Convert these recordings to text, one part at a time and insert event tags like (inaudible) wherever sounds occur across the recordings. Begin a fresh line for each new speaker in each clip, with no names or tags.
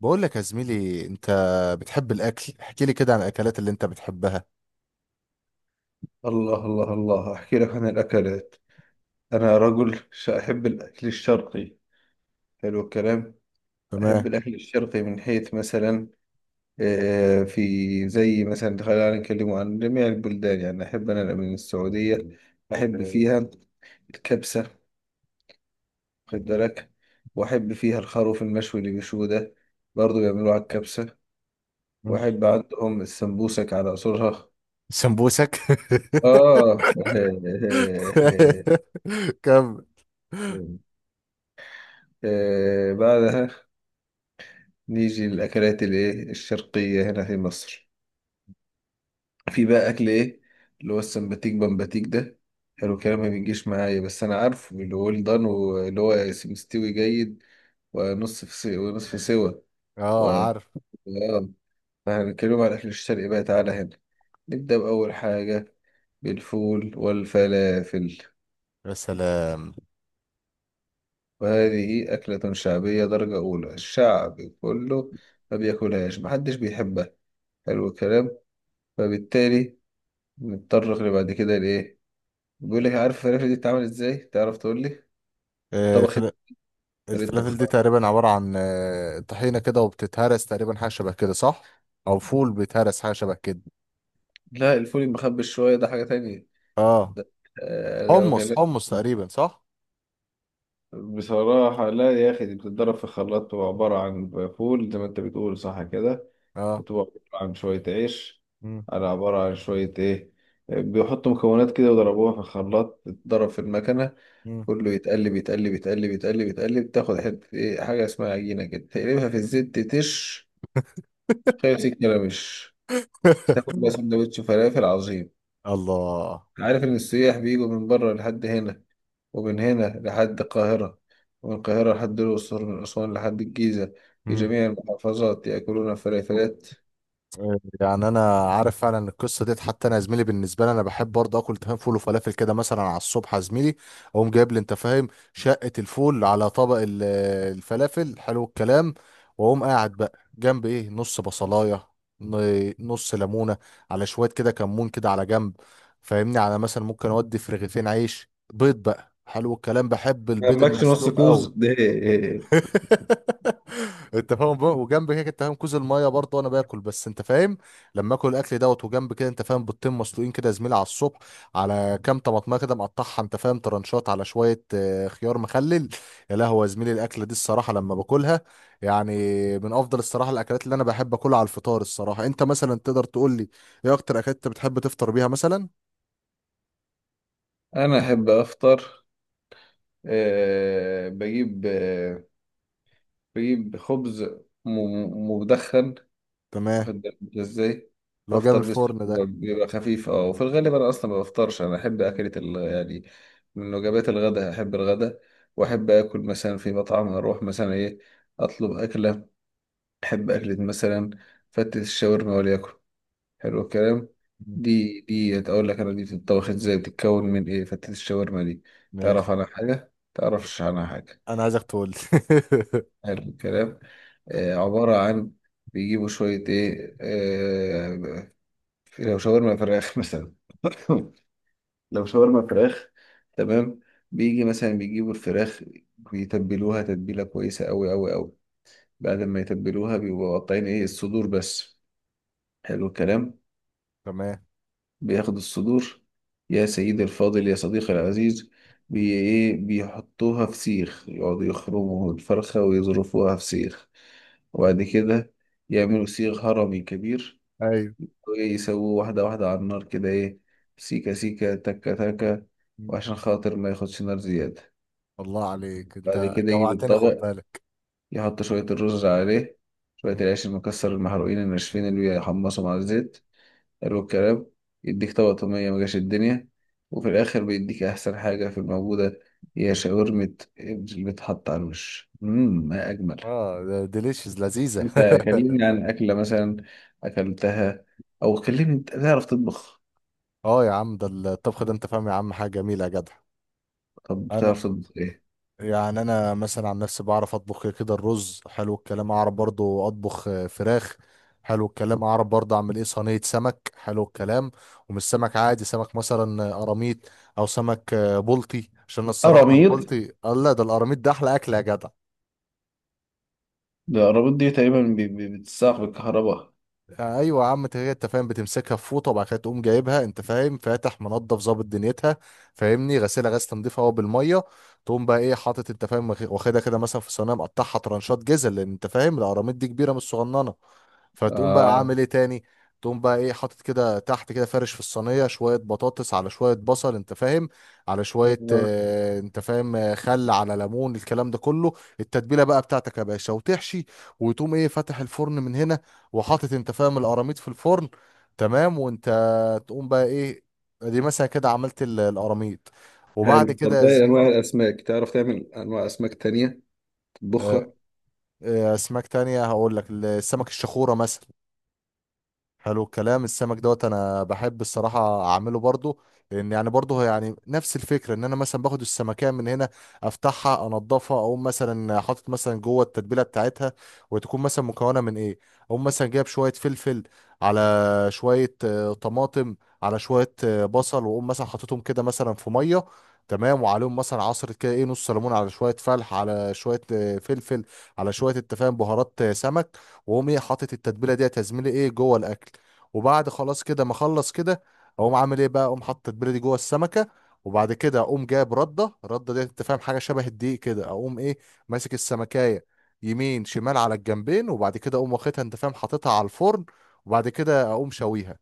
بقول لك يا زميلي، انت بتحب الاكل. احكي لي كده عن الاكلات اللي انت بتحبها.
الله الله الله، أحكي لك عن الأكلات. أنا رجل أحب الأكل الشرقي. حلو الكلام.
تمام.
أحب الأكل الشرقي من حيث مثلا آه، في زي مثلا خلينا نتكلم عن جميع البلدان، يعني أحب أنا من السعودية، أحب فيها الكبسة. خد بالك، وأحب فيها الخروف المشوي اللي بيشوه ده، برضه بيعملوه على الكبسة.
مم.
وأحب عندهم السمبوسك على أصولها.
سمبوسك.
آه (laughs)
(laughs) كم؟
آه، بعدها نيجي للأكلات الإيه الشرقية هنا في مصر، في بقى أكل إيه، اللي هو السمباتيك بمباتيك ده. حلو الكلام ما بيجيش معايا، بس أنا عارفه اللي هو الدان واللي هو مستوي جيد، ونص في سوا ونصف سوا و...
اه، عارف.
آه. فهنتكلم على الأكل الشرقي. بقى تعالى هنا نبدأ بأول حاجة: بالفول والفلافل.
يا سلام.
وهذه أكلة شعبية درجة أولى، الشعب كله ما بياكلهاش، محدش بيحبها. حلو الكلام. فبالتالي نضطر اللي بعد كده لإيه، بيقول لك: عارف الفلافل دي بتتعمل إزاي؟ تعرف تقول لي
آه،
طبخت
الفلا-
طريقة
الفلافل دي
طبخها؟
تقريبا عبارة عن طحينة كده وبتتهرس تقريبا حاجة شبه كده، صح؟ او فول بيتهرس حاجة شبه كده.
لا، الفول المخبي شوية ده حاجة تانية.
اه.
أنا
حمص
بكلمك
حمص تقريبا، صح؟
بصراحة. لا يا أخي، دي بتتضرب في خلاط، بتبقى عبارة عن فول زي ما أنت بتقول، صح كده.
اه.
بتبقى عبارة عن شوية عيش،
مم.
على عبارة عن شوية إيه، بيحطوا مكونات كده وضربوها في الخلاط، تتضرب في المكنة،
مم.
كله يتقلب يتقلب يتقلب يتقلب يتقلب، تاخد حتة إيه، حاجة اسمها عجينة كده، تقلبها في الزيت تتش، شايف سيك ملامش، تاكل
(laughs)
بقى سندوتش فلافل عظيم.
الله.
عارف إن السياح بيجوا من بره لحد هنا، ومن هنا لحد القاهرة، ومن القاهرة لحد الأقصر، من أسوان لحد الجيزة، في جميع المحافظات يأكلون فلافلات.
يعني انا عارف فعلا إن القصه ديت. حتى انا يا زميلي، بالنسبه لي انا بحب برضه اكل تفاهم فول وفلافل كده، مثلا على الصبح يا زميلي. اقوم جايب لي، انت فاهم، شقه الفول على طبق الفلافل. حلو الكلام. واقوم قاعد بقى جنب ايه نص بصلايه، نص ليمونه، على شويه كده كمون كده على جنب. فاهمني، على مثلا ممكن اودي في رغيفين عيش بيض بقى. حلو الكلام. بحب البيض
جنبكش نص
المسلوق
كوز
قوي.
ده إيه؟
(laughs) انت فاهم بقى؟ وجنب كده انت فاهم كوز الميه برضه، وانا باكل، بس انت فاهم لما اكل الاكل دوت، وجنب كده انت فاهم بيضتين مسلوقين كده يا زميلي على الصبح، على كام طماطميه كده، مقطعها انت فاهم ترنشات، على شويه خيار مخلل. يا لهوي يا زميلي، الاكله دي الصراحه لما باكلها، يعني، من افضل الصراحه الاكلات اللي انا بحب اكلها على الفطار. الصراحه انت مثلا تقدر تقول لي ايه اكتر اكلات انت بتحب تفطر بيها مثلا؟
أنا أحب أفطر، بجيب خبز مدخن،
تمام.
واخد بالك إنت ازاي،
اللي هو جاي من
بفطر بيسكوت،
الفرن ده.
بيبقى خفيف. اه، وفي الغالب انا اصلا ما بفطرش، انا احب اكلة يعني من وجبات الغداء، احب الغداء، واحب اكل مثلا في مطعم، اروح مثلا ايه اطلب اكلة، احب اكلة مثلا فتة الشاورما وليكن. حلو الكلام.
مم.
دي اقول لك، انا دي بتتطبخ ازاي، بتتكون من ايه فتة الشاورما دي؟
ماشي.
تعرف عنها حاجة تعرفش عنها حاجة؟
انا عايزك تقول لي.
حلو الكلام. آه، عبارة عن، بيجيبوا شوية إيه، لو شاورما فراخ (laughs) مثلا (laughs) لو شاورما فراخ، تمام، بيجي مثلا بيجيبوا الفراخ، بيتبلوها تتبيلة كويسة أوي أوي أوي. بعد ما يتبلوها بيبقوا قاطعين إيه الصدور بس. حلو الكلام.
(laughs) تمام.
بياخدوا الصدور، يا سيدي الفاضل يا صديقي العزيز، بي إيه بيحطوها في سيخ، يقعدوا يخرموا الفرخة ويظرفوها في سيخ، وبعد كده يعملوا سيخ هرمي كبير،
ايوه.
ويسووه واحدة واحدة على النار كده ايه، سيكة سيكة تكة تكة، وعشان خاطر ما ياخدش نار زيادة.
الله عليك،
بعد
انت
كده يجيب
جوعتني، خد
الطبق،
بالك.
يحط شوية الرز عليه، شوية العيش المكسر المحروقين الناشفين اللي بيحمصوا مع الزيت. حلو الكلام. يديك طبق طومية مجاش الدنيا، وفي الآخر بيديك أحسن حاجة في الموجودة، هي شاورمة اللي بتحط على الوش. مم، ما أجمل.
اه، ديليشيز لذيذة.
أنت كلمني عن أكلة مثلا أكلتها، أو كلمني أنت بتعرف تطبخ؟
(laughs) اه يا عم، ده الطبخ ده انت فاهم يا عم حاجة جميلة يا جدع.
طب
انا،
بتعرف تطبخ إيه؟
يعني انا مثلا عن نفسي بعرف اطبخ كده الرز. حلو الكلام. اعرف برضو اطبخ فراخ. حلو الكلام. اعرف برضو اعمل ايه صينية سمك. حلو الكلام. ومش سمك عادي، سمك مثلا قراميط، او سمك بلطي. عشان الصراحة من
قراميط،
البلطي، الله ده القراميط ده احلى اكل يا جدع.
ده قراميط دي تقريبا بتتساق بالكهرباء.
ايوه يا عم، انت هي انت فاهم بتمسكها في فوطه، وبعد كده تقوم جايبها انت فاهم فاتح منضف ظابط دنيتها. فاهمني، غسيلها غسيل تنظيف هو بالميه. تقوم بقى ايه حاطط انت فاهم واخدها كده مثلا في صينيه، مقطعها ترانشات جزل لان انت فاهم القراميط دي كبيره مش صغننه. فتقوم بقى
آه.
عامل ايه تاني. تقوم بقى ايه حاطط كده تحت كده، فرش في الصينيه شويه بطاطس، على شويه بصل انت فاهم، على شويه
آه.
انت فاهم، خل على ليمون الكلام ده كله. التتبيله بقى بتاعتك يا باشا، وتحشي، وتقوم ايه فاتح الفرن من هنا، وحاطط انت فاهم القراميط في الفرن. تمام. وانت تقوم بقى ايه، دي مثلا كده عملت القراميط. وبعد
حلو، طب
كده يا
باقي أنواع
زميلي،
الأسماك تعرف تعمل أنواع أسماك تانية تطبخها؟
آه، اسماك تانية هقول لك، السمك الشخورة مثلا. حلو الكلام. السمك دوت انا بحب الصراحه اعمله برضو، لان يعني برضو هو يعني نفس الفكره، ان انا مثلا باخد السمكيه من هنا، افتحها، انضفها، اقوم مثلا حاطط مثلا جوه التتبيله بتاعتها. وتكون مثلا مكونه من ايه؟ اقوم مثلا جايب شويه فلفل، على شويه طماطم، على شويه بصل. واقوم مثلا حاططهم كده مثلا في ميه. تمام، وعليهم مثلا عصرة كده ايه نص ليمون، على شوية فلح، على شوية فلفل، على شوية التفاهم بهارات سمك. واقوم ايه حاطط التتبيله ديت يا زميلي ايه جوه الاكل. وبعد خلاص كده ما اخلص كده، اقوم عامل ايه بقى، اقوم حاطط التتبيله دي جوه السمكه. وبعد كده اقوم جايب رده، الرده ديت انت فاهم حاجه شبه الدقيق كده، اقوم ايه ماسك السمكايه، يمين شمال على الجنبين. وبعد كده اقوم واخدها انت فاهم حاططها على الفرن، وبعد كده اقوم شويها.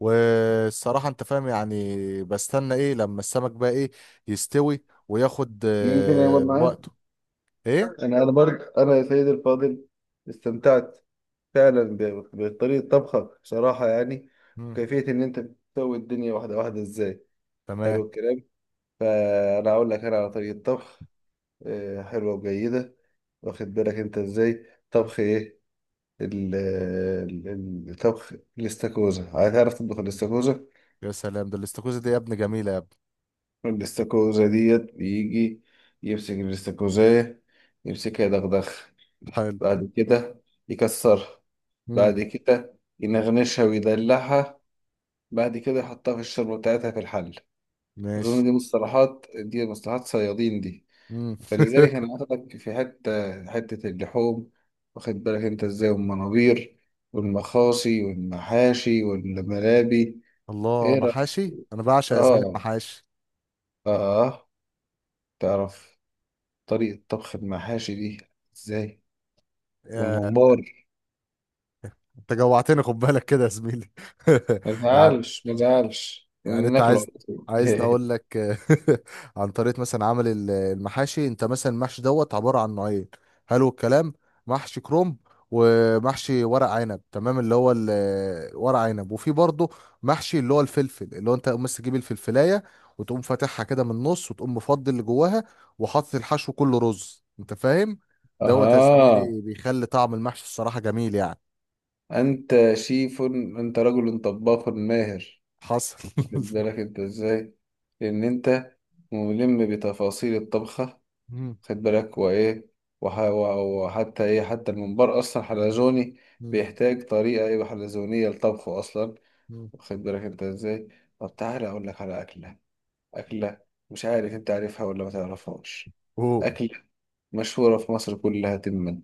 والصراحه انت فاهم يعني بستنى ايه لما السمك بقى ايه يستوي وياخد
يمكن يقعد معايا.
وقته. ايه.
انا برضه انا يا سيدي الفاضل استمتعت فعلا بطريقه طبخك بصراحه، يعني،
مم.
وكيفيه ان انت بتسوي الدنيا واحده واحده ازاي.
تمام.
حلو الكلام. فانا اقول لك انا على طريقه طبخ، حلوه وجيده، واخد بالك انت ازاي
مم.
طبخ ايه. الطبخ الاستاكوزا، هتعرف تطبخ الاستاكوزا؟
يا سلام، ده الاستاكوزا دي يا ابني جميله يا.
الاستاكوزا ديت بيجي يمسك الاستاكوزاية، يمسكها يدغدغ،
حلو.
بعد كده يكسرها،
مم.
بعد كده ينغنشها ويدلعها، بعد كده يحطها في الشوربة بتاعتها في الحل.
ماشي.
أظن دي مصطلحات، دي مصطلحات صيادين دي.
مم.
فلذلك
(laughs)
أنا واخدك في حتة حتة اللحوم، واخد بالك أنت إزاي، والمنابير والمخاصي والمحاشي والملابي.
الله،
إيه رأيك؟
محاشي، انا بعشق يا زميلي
اه،
المحاشي.
اه، تعرف طريقة طبخ المحاشي دي ازاي
يا-
والممبار؟
انت جوعتني خد بالك كده يا زميلي. (laughs)
ما
يعني
تزعلش ما تزعلش،
يعني انت
ناكله
عايز،
على طول
عايزني
(laughs)
اقول لك؟ (laughs) عن طريقه مثلا عمل المحاشي، انت مثلا المحشي دوت عباره عن نوعين. حلو الكلام. محشي كروم، ومحشي ورق عنب، تمام، اللي هو ورق عنب. وفي برضه محشي اللي هو الفلفل، اللي هو انت بس تجيب الفلفلايه وتقوم فاتحها كده من النص، وتقوم مفضي اللي جواها، وحاطط الحشو كله رز انت فاهم. دوت يا
اها.
زميلي بيخلي طعم المحشي الصراحه جميل يعني.
انت شيف، انت رجل طباخ ماهر،
حصل.
خد بالك انت ازاي، لان انت ملم بتفاصيل الطبخة.
(laughs) مم.
خد بالك، وايه، وحتى ايه، حتى الممبار اصلا حلزوني،
مم.
بيحتاج طريقة ايه حلزونية لطبخه اصلا.
مم.
واخد بالك انت ازاي. طب تعالى اقول لك على اكله، اكله مش عارف انت عارفها ولا ما تعرفهاش،
(laughs) اوه.
اكله مشهوره في مصر كلها تما،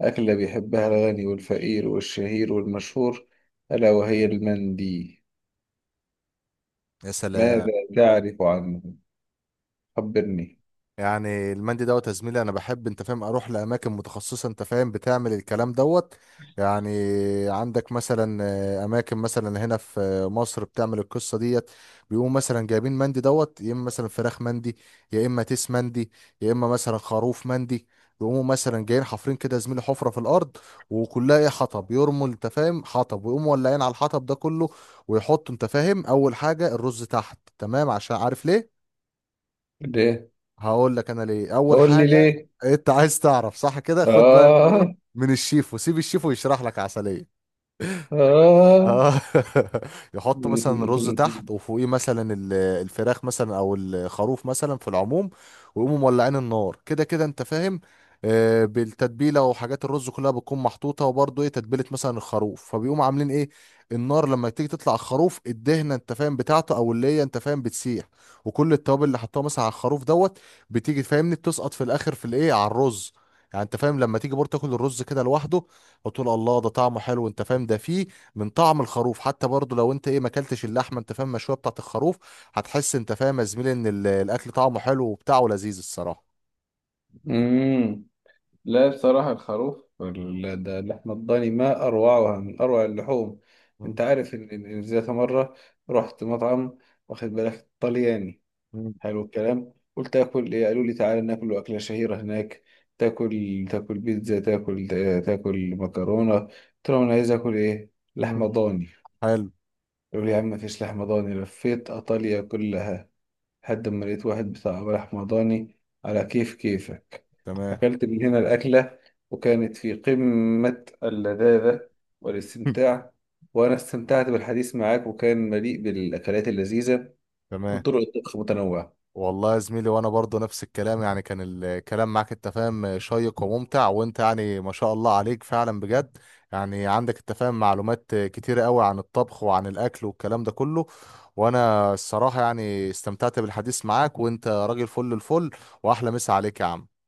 اكله بيحبها الغني والفقير والشهير والمشهور، الا وهي المندي.
يا سلام.
ماذا تعرف عنه؟ خبرني.
يعني المندي دوت يا زميلي، انا بحب انت فاهم اروح لاماكن متخصصه انت فاهم بتعمل الكلام دوت. يعني عندك مثلا اماكن مثلا هنا في مصر بتعمل القصه ديت. بيقوموا مثلا جايبين مندي دوت، يا اما مثلا فراخ مندي، يا اما تيس مندي، يا اما مثلا خروف مندي. يقوموا مثلا جايين حافرين كده يا زميلي حفره في الارض، وكلها ايه حطب، يرموا انت فاهم حطب، ويقوموا ولاعين على الحطب ده كله. ويحطوا انت فاهم اول حاجه الرز تحت، تمام، عشان عارف ليه.
ليه؟
هقول لك انا ليه اول
قول لي
حاجه.
ليه.
انت عايز تعرف صح كده؟ خد بقى من ايه،
اه.
من الشيف، وسيب الشيف ويشرح لك عسليه.
اه.
اه. (laughs) يحط مثلا الرز تحت،
(laughs)
وفوقيه مثلا الفراخ مثلا او الخروف مثلا في العموم. ويقوموا مولعين النار كده كده انت فاهم، بالتتبيله. وحاجات الرز كلها بتكون محطوطه، وبرضه ايه تتبيله مثلا الخروف، فبيقوموا عاملين ايه النار لما تيجي تطلع الخروف الدهنه انت فاهم بتاعته، او اللي هي انت فاهم بتسيح. وكل التوابل اللي حطوها مثلا على الخروف دوت بتيجي فاهمني بتسقط في الاخر في الايه على الرز. يعني انت فاهم لما تيجي برضه تاكل الرز كده لوحده، وتقول الله ده طعمه حلو انت فاهم، ده فيه من طعم الخروف. حتى برضو لو انت ايه ما اكلتش اللحمه انت فاهم المشويه بتاعت الخروف، هتحس انت فاهم يا زميلي ان الاكل طعمه حلو وبتاعه لذيذ الصراحه.
مم. لا، بصراحة الخروف ده، اللحمة الضاني ما أروعها، من أروع اللحوم.
مم.
أنت عارف إن إن ذات مرة رحت مطعم، واخد بالك، طلياني.
مم.
حلو الكلام. قلت آكل إيه، قالوا لي تعالى ناكل أكلة شهيرة هناك، تاكل تاكل بيتزا، تاكل تاكل مكرونة، قلت لهم أنا عايز آكل إيه،
مم.
لحمة ضاني.
حلو.
قالوا لي يا عم مفيش لحمة ضاني. لفيت إيطاليا كلها لحد ما لقيت واحد بتاع رحمضاني على كيف كيفك.
تمام.
أكلت من هنا الأكلة، وكانت في قمة اللذاذة
(laughs)
والاستمتاع. وأنا استمتعت بالحديث معك وكان مليء بالأكلات اللذيذة،
تمام.
وطرق الطبخ متنوعة.
والله يا زميلي، وانا برضو نفس الكلام. يعني كان الكلام معاك انت فاهم شيق وممتع، وانت يعني ما شاء الله عليك فعلا بجد. يعني عندك انت فاهم معلومات كتيرة قوي عن الطبخ وعن الاكل والكلام ده كله. وانا الصراحة يعني استمتعت بالحديث معاك، وانت راجل فل الفل. واحلى مسا عليك يا عم.